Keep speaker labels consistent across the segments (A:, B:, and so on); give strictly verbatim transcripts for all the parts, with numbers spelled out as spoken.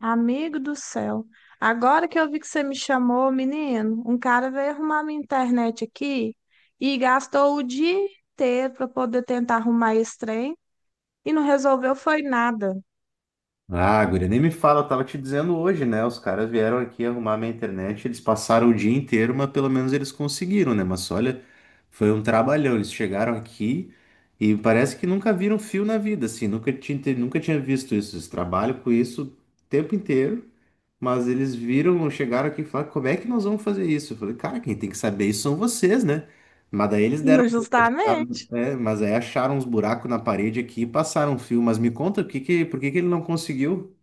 A: Amigo do céu, agora que eu vi que você me chamou, menino, um cara veio arrumar minha internet aqui e gastou o dia inteiro para poder tentar arrumar esse trem e não resolveu foi nada.
B: Ah, guria, nem me fala, eu tava te dizendo hoje, né? Os caras vieram aqui arrumar minha internet, eles passaram o dia inteiro, mas pelo menos eles conseguiram, né? Mas olha, foi um trabalhão. Eles chegaram aqui e parece que nunca viram fio na vida, assim, nunca tinha, nunca tinha visto isso. Eles trabalham com isso o tempo inteiro, mas eles viram, chegaram aqui e falaram, como é que nós vamos fazer isso? Eu falei, cara, quem tem que saber isso são vocês, né? Mas daí eles deram,
A: Não, justamente.
B: é, mas aí acharam uns buracos na parede aqui e passaram um fio. Mas me conta, o que que, por que que ele não conseguiu?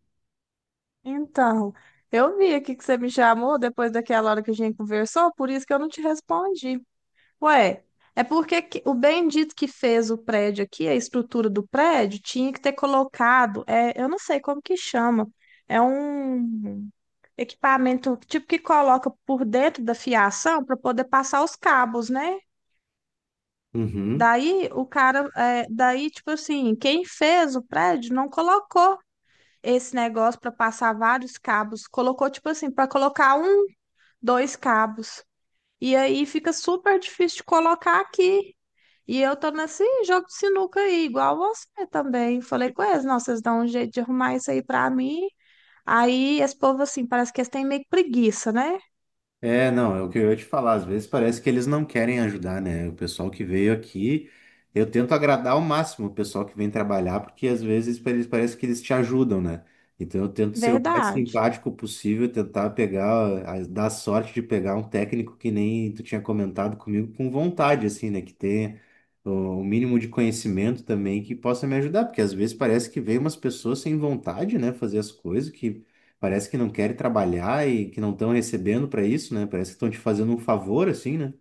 A: Então, eu vi aqui que você me chamou depois daquela hora que a gente conversou, por isso que eu não te respondi. Ué, é porque que- o bendito que fez o prédio aqui, a estrutura do prédio, tinha que ter colocado, é, eu não sei como que chama. É um equipamento tipo que coloca por dentro da fiação para poder passar os cabos, né?
B: Uhum.
A: Daí o cara, é, daí tipo assim, quem fez o prédio não colocou esse negócio para passar vários cabos, colocou tipo assim para colocar um, dois cabos. E aí fica super difícil de colocar aqui. E eu tô nesse jogo de sinuca aí, igual você também. Falei com eles, não, vocês dão um jeito de arrumar isso aí para mim. Aí esse povo assim, parece que eles têm meio que preguiça, né?
B: É, não, é o que eu ia te falar. Às vezes parece que eles não querem ajudar, né? O pessoal que veio aqui, eu tento agradar ao máximo o pessoal que vem trabalhar, porque às vezes pra eles parece que eles te ajudam, né? Então eu tento ser o Uhum. mais
A: Verdade.
B: simpático possível, tentar pegar, a- dar sorte de pegar um técnico que nem tu tinha comentado comigo, com vontade, assim, né? Que tenha o o mínimo de conhecimento também que possa me ajudar, porque às vezes parece que vem umas pessoas sem vontade, né? Fazer as coisas que parece que não querem trabalhar e que não estão recebendo para isso, né? Parece que estão te fazendo um favor, assim, né?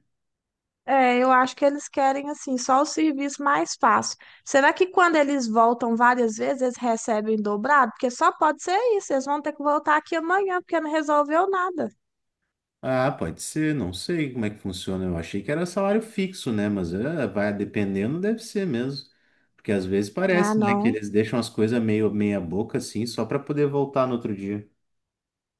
A: É, eu acho que eles querem assim só o serviço mais fácil. Será que quando eles voltam várias vezes, eles recebem dobrado? Porque só pode ser isso, eles vão ter que voltar aqui amanhã, porque não resolveu nada.
B: Ah, pode ser, não sei como é que funciona. Eu achei que era salário fixo, né? Mas é, vai dependendo, deve ser mesmo. Porque às vezes
A: Ah,
B: parece, né, que
A: não.
B: eles deixam as coisas meio meia boca, assim, só para poder voltar no outro dia.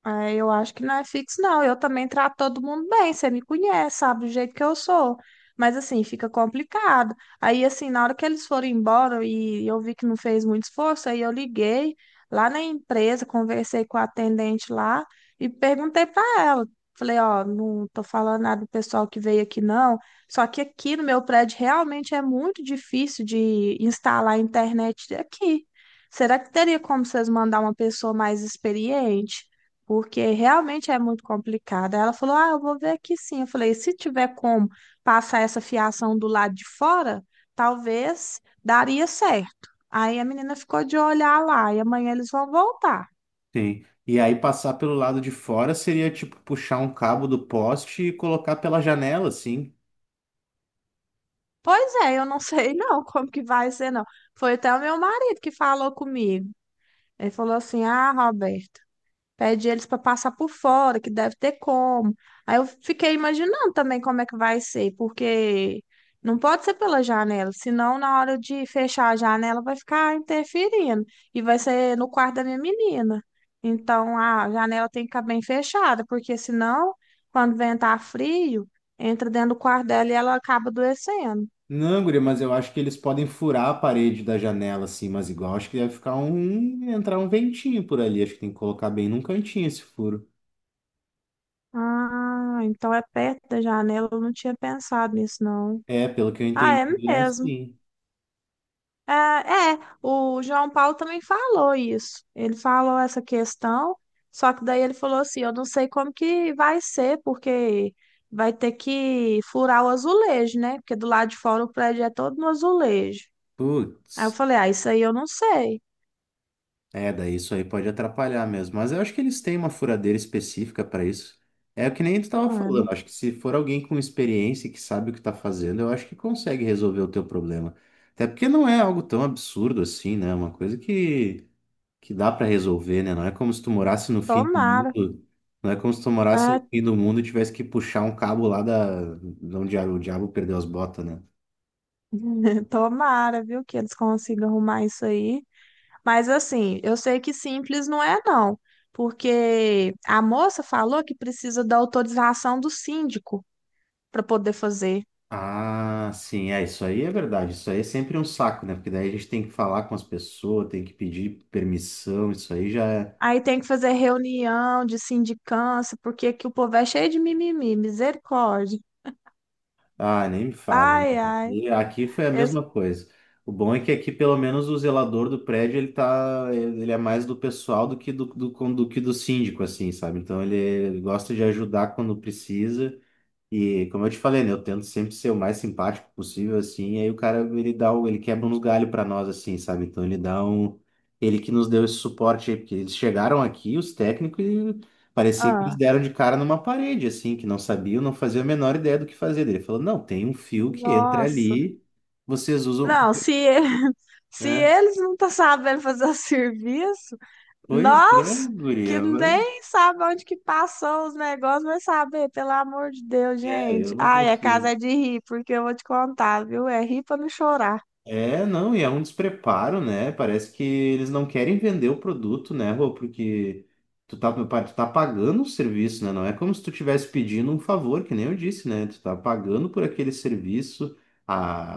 A: É, eu acho que não é fixo, não. Eu também trato todo mundo bem, você me conhece, sabe do jeito que eu sou. Mas assim, fica complicado. Aí, assim, na hora que eles foram embora e eu vi que não fez muito esforço, aí eu liguei lá na empresa, conversei com a atendente lá e perguntei para ela. Falei, ó, não tô falando nada do pessoal que veio aqui, não. Só que aqui no meu prédio realmente é muito difícil de instalar a internet aqui. Será que teria como vocês mandar uma pessoa mais experiente? Porque realmente é muito complicada. Ela falou: Ah, eu vou ver aqui sim. Eu falei: Se tiver como passar essa fiação do lado de fora, talvez daria certo. Aí a menina ficou de olhar lá e amanhã eles vão voltar.
B: Sim. E aí passar pelo lado de fora seria tipo puxar um cabo do poste e colocar pela janela, assim.
A: Pois é, eu não sei não como que vai ser, não. Foi até o meu marido que falou comigo. Ele falou assim: Ah, Roberto, pede eles para passar por fora, que deve ter como. Aí eu fiquei imaginando também como é que vai ser, porque não pode ser pela janela, senão na hora de fechar a janela vai ficar interferindo e vai ser no quarto da minha menina. Então a janela tem que ficar bem fechada, porque senão quando ventar frio, entra dentro do quarto dela e ela acaba adoecendo.
B: Não, guria, mas eu acho que eles podem furar a parede da janela, assim, mas igual acho que deve ficar um. entrar um ventinho por ali. Acho que tem que colocar bem num cantinho esse furo.
A: Ah, então é perto da janela, eu não tinha pensado nisso, não.
B: É, pelo que eu
A: Ah, é
B: entendi, é
A: mesmo.
B: assim.
A: Ah, é, o João Paulo também falou isso. Ele falou essa questão, só que daí ele falou assim: eu não sei como que vai ser, porque vai ter que furar o azulejo, né? Porque do lado de fora o prédio é todo no azulejo.
B: Putz,
A: Aí eu falei: ah, isso aí eu não sei.
B: é, daí isso aí pode atrapalhar mesmo. Mas eu acho que eles têm uma furadeira específica para isso. É o que nem tu tava
A: Ah,
B: falando.
A: não-
B: Acho que se for alguém com experiência e que sabe o que tá fazendo, eu acho que consegue resolver o teu problema. Até porque não é algo tão absurdo assim, né? É uma coisa que. Que dá para resolver, né? Não é como se tu morasse no fim do
A: Tomara.
B: mundo, não é como se tu morasse no
A: Ah,
B: fim do mundo e tivesse que puxar um cabo lá da, de onde o diabo perdeu as botas, né?
A: tomara, viu, que eles consigam arrumar isso aí. Mas assim, eu sei que simples não é, não. Porque a moça falou que precisa da autorização do síndico para poder fazer.
B: Ah, sim, é, isso aí é verdade. Isso aí é sempre um saco, né? Porque daí a gente tem que falar com as pessoas, tem que pedir permissão, isso aí já é.
A: Aí tem que fazer reunião de sindicância, porque aqui o povo é cheio de mimimi, misericórdia.
B: Ah, nem me fala.
A: Ai, ai.
B: E aqui foi a
A: Esse-
B: mesma coisa. O bom é que aqui, pelo menos, o zelador do prédio, ele tá, ele ele é mais do pessoal do que do, do, do que do síndico, assim, sabe? Então, ele, ele gosta de ajudar quando precisa. E como eu te falei, né, eu tento sempre ser o mais simpático possível, assim, e aí o cara, ele dá, o- ele quebra uns galhos pra nós, assim, sabe? Então ele dá um, ele que nos deu esse suporte aí, porque eles chegaram aqui, os técnicos, e parecia que eles
A: ah,
B: deram de cara numa parede, assim, que não sabiam, não faziam a menor ideia do que fazer. Daí ele falou, não, tem um fio que entra
A: nossa.
B: ali, vocês usam,
A: Não, se, e- se
B: né?
A: eles não estão sabendo fazer o serviço,
B: Pois é,
A: nós que
B: guria,
A: nem sabe onde que passou os negócios, vai saber, pelo amor de Deus,
B: é, eu
A: gente.
B: não
A: Ai, a casa
B: consigo.
A: é de rir, porque eu vou te contar, viu? É rir para não chorar.
B: É, não, e é um despreparo, né? Parece que eles não querem vender o produto, né, Rô? Porque tu tá, tu tá pagando o serviço, né? Não é como se tu estivesse pedindo um favor, que nem eu disse, né? Tu tá pagando por aquele serviço,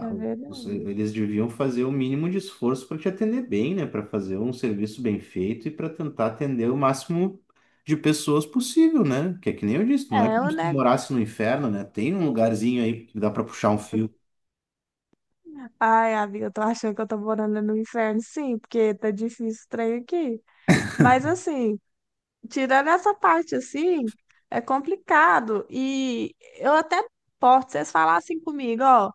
A: É
B: os-
A: verdade.
B: eles deviam fazer o mínimo de esforço para te atender bem, né? Para fazer um serviço bem feito e para tentar atender o máximo de pessoas possível, né? Que é que nem eu disse, não é
A: É,
B: como
A: o
B: se tu
A: negócio.
B: morasse no inferno, né? Tem um lugarzinho aí que dá para puxar um fio.
A: Ai, amiga, eu tô achando que eu tô morando no inferno, sim, porque tá difícil o trem aqui. Mas assim, tirando essa parte assim, é complicado. E eu até posso vocês falassem comigo, ó,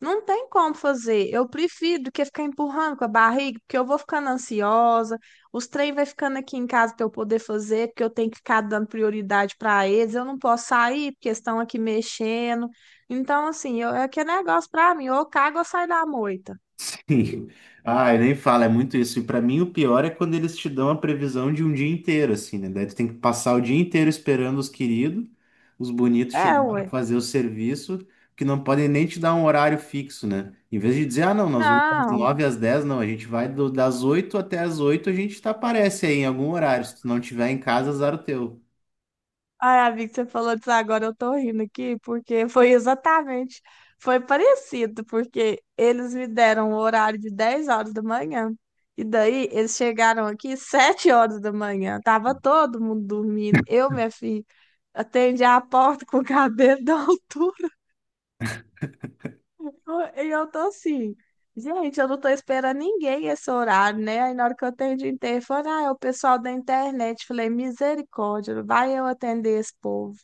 A: não tem como fazer. Eu prefiro do que ficar empurrando com a barriga, porque eu vou ficando ansiosa, os trem vai ficando aqui em casa pra eu poder fazer, porque eu tenho que ficar dando prioridade pra eles, eu não posso sair, porque estão aqui mexendo. Então, assim, eu, é que é negócio pra mim, ou eu cago ou saio da moita.
B: Ai, nem fala, é muito isso. E pra mim o pior é quando eles te dão a previsão de um dia inteiro, assim, né? Daí tu tem que passar o dia inteiro esperando os queridos, os bonitos
A: É,
B: chegar para
A: ué.
B: fazer o serviço, que não podem nem te dar um horário fixo, né? Em vez de dizer, ah, não, nós vamos das
A: Não.
B: nove às dez não, a gente vai do- das oito até as oito a gente tá, aparece aí em algum horário. Se tu não tiver em casa, azar o teu.
A: Ai, amigo, você falou disso agora, eu tô rindo aqui, porque foi exatamente, foi parecido, porque eles me deram o horário de dez horas da manhã, e daí eles chegaram aqui sete horas da manhã, tava todo mundo dormindo, eu, minha filha, atendi a porta com o cabelo da altura. E eu tô assim, gente, eu não tô esperando ninguém esse horário, né? Aí na hora que eu atendi o interfone, ah, é o pessoal da internet. Falei, misericórdia, vai eu atender esse povo.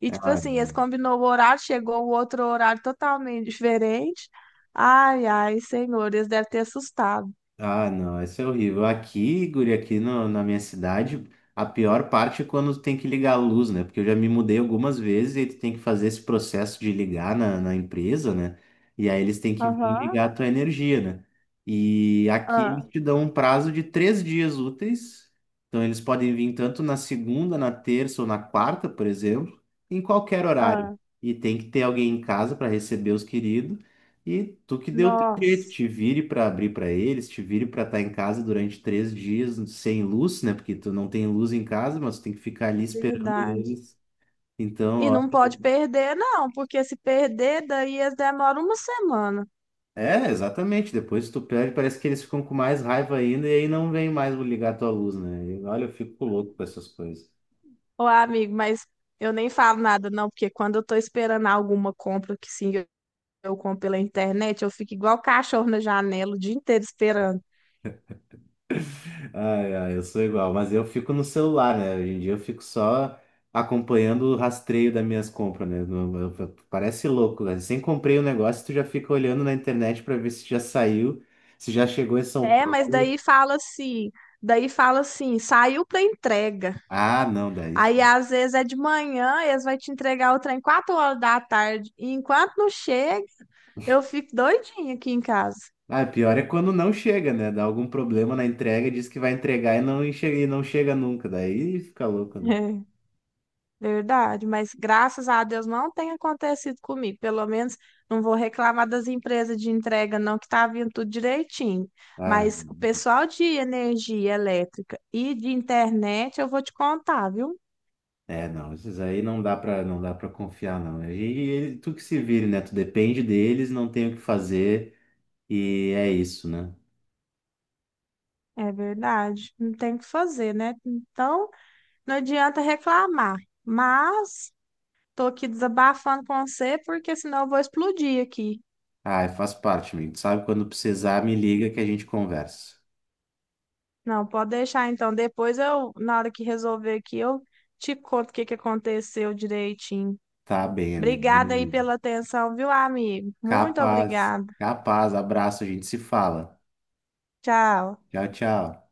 A: E tipo
B: Ah,
A: assim, eles combinou o horário, chegou o outro horário totalmente diferente. Ai, ai, senhor, eles devem ter assustado.
B: ah, não, isso é horrível. Aqui, guri, aqui no- na minha cidade, a pior parte é quando tu tem que ligar a luz, né? Porque eu já me mudei algumas vezes e tu tem que fazer esse processo de ligar na, na empresa, né? E aí eles têm que vir
A: Aham,
B: ligar a tua energia, né? E aqui
A: ah,
B: eles te dão um prazo de três dias úteis. Então eles podem vir tanto na segunda, na terça ou na quarta, por exemplo, em qualquer horário.
A: ah,
B: E tem que ter alguém em casa para receber os queridos e tu que deu o teu jeito,
A: nossa,
B: te vire para abrir para eles, te vire para estar em casa durante três dias sem luz, né? Porque tu não tem luz em casa, mas tu tem que ficar ali esperando
A: verdade.
B: eles. Então,
A: E
B: ó,
A: não pode perder, não, porque se perder, daí eles demoram uma semana.
B: é, exatamente. Depois tu pede, parece que eles ficam com mais raiva ainda e aí não vem mais ligar a tua luz, né? E, olha, eu fico louco com essas coisas.
A: Ô, amigo, mas eu nem falo nada, não, porque quando eu tô esperando alguma compra que sim, eu eu compro pela internet, eu fico igual cachorro na janela o dia inteiro esperando.
B: Ai, ai, eu sou igual, mas eu fico no celular, né? Hoje em dia eu fico só acompanhando o rastreio das minhas compras, né? No- eu- eu- Parece louco, né? Sem comprei o negócio, tu já fica olhando na internet para ver se já saiu, se já chegou em São
A: É, mas
B: Paulo.
A: daí fala assim, daí fala assim, saiu pra entrega.
B: Ah, não, daí,
A: Aí
B: sim.
A: às vezes é de manhã, eles vão te entregar o trem quatro horas da tarde. E enquanto não chega, eu fico doidinha aqui em casa.
B: Ah, pior é quando não chega, né? Dá algum problema na entrega, diz que vai entregar e não, enche- e não chega nunca, daí fica louco, né?
A: Verdade, mas graças a Deus não tem acontecido comigo. Pelo menos não vou reclamar das empresas de entrega, não, que tá vindo tudo direitinho.
B: Ah,
A: Mas o pessoal de energia elétrica e de internet, eu vou te contar, viu?
B: é, não, esses aí não dá pra não dá para confiar não. E, e ele- tu que se vire, né? Tu depende deles, não tem o que fazer e é isso, né?
A: É verdade, não tem o que fazer, né? Então, não adianta reclamar. Mas tô aqui desabafando com você, porque senão eu vou explodir aqui.
B: Ah, faz parte, amigo. Tu sabe quando precisar, me liga que a gente conversa.
A: Não, pode deixar então. Depois eu, na hora que resolver aqui, eu te conto o que que aconteceu direitinho.
B: Tá bem, amigo.
A: Obrigada aí
B: Beleza.
A: pela atenção, viu, amigo? Muito
B: Capaz,
A: obrigada.
B: capaz. Abraço, a gente se fala.
A: Tchau.
B: Tchau, tchau.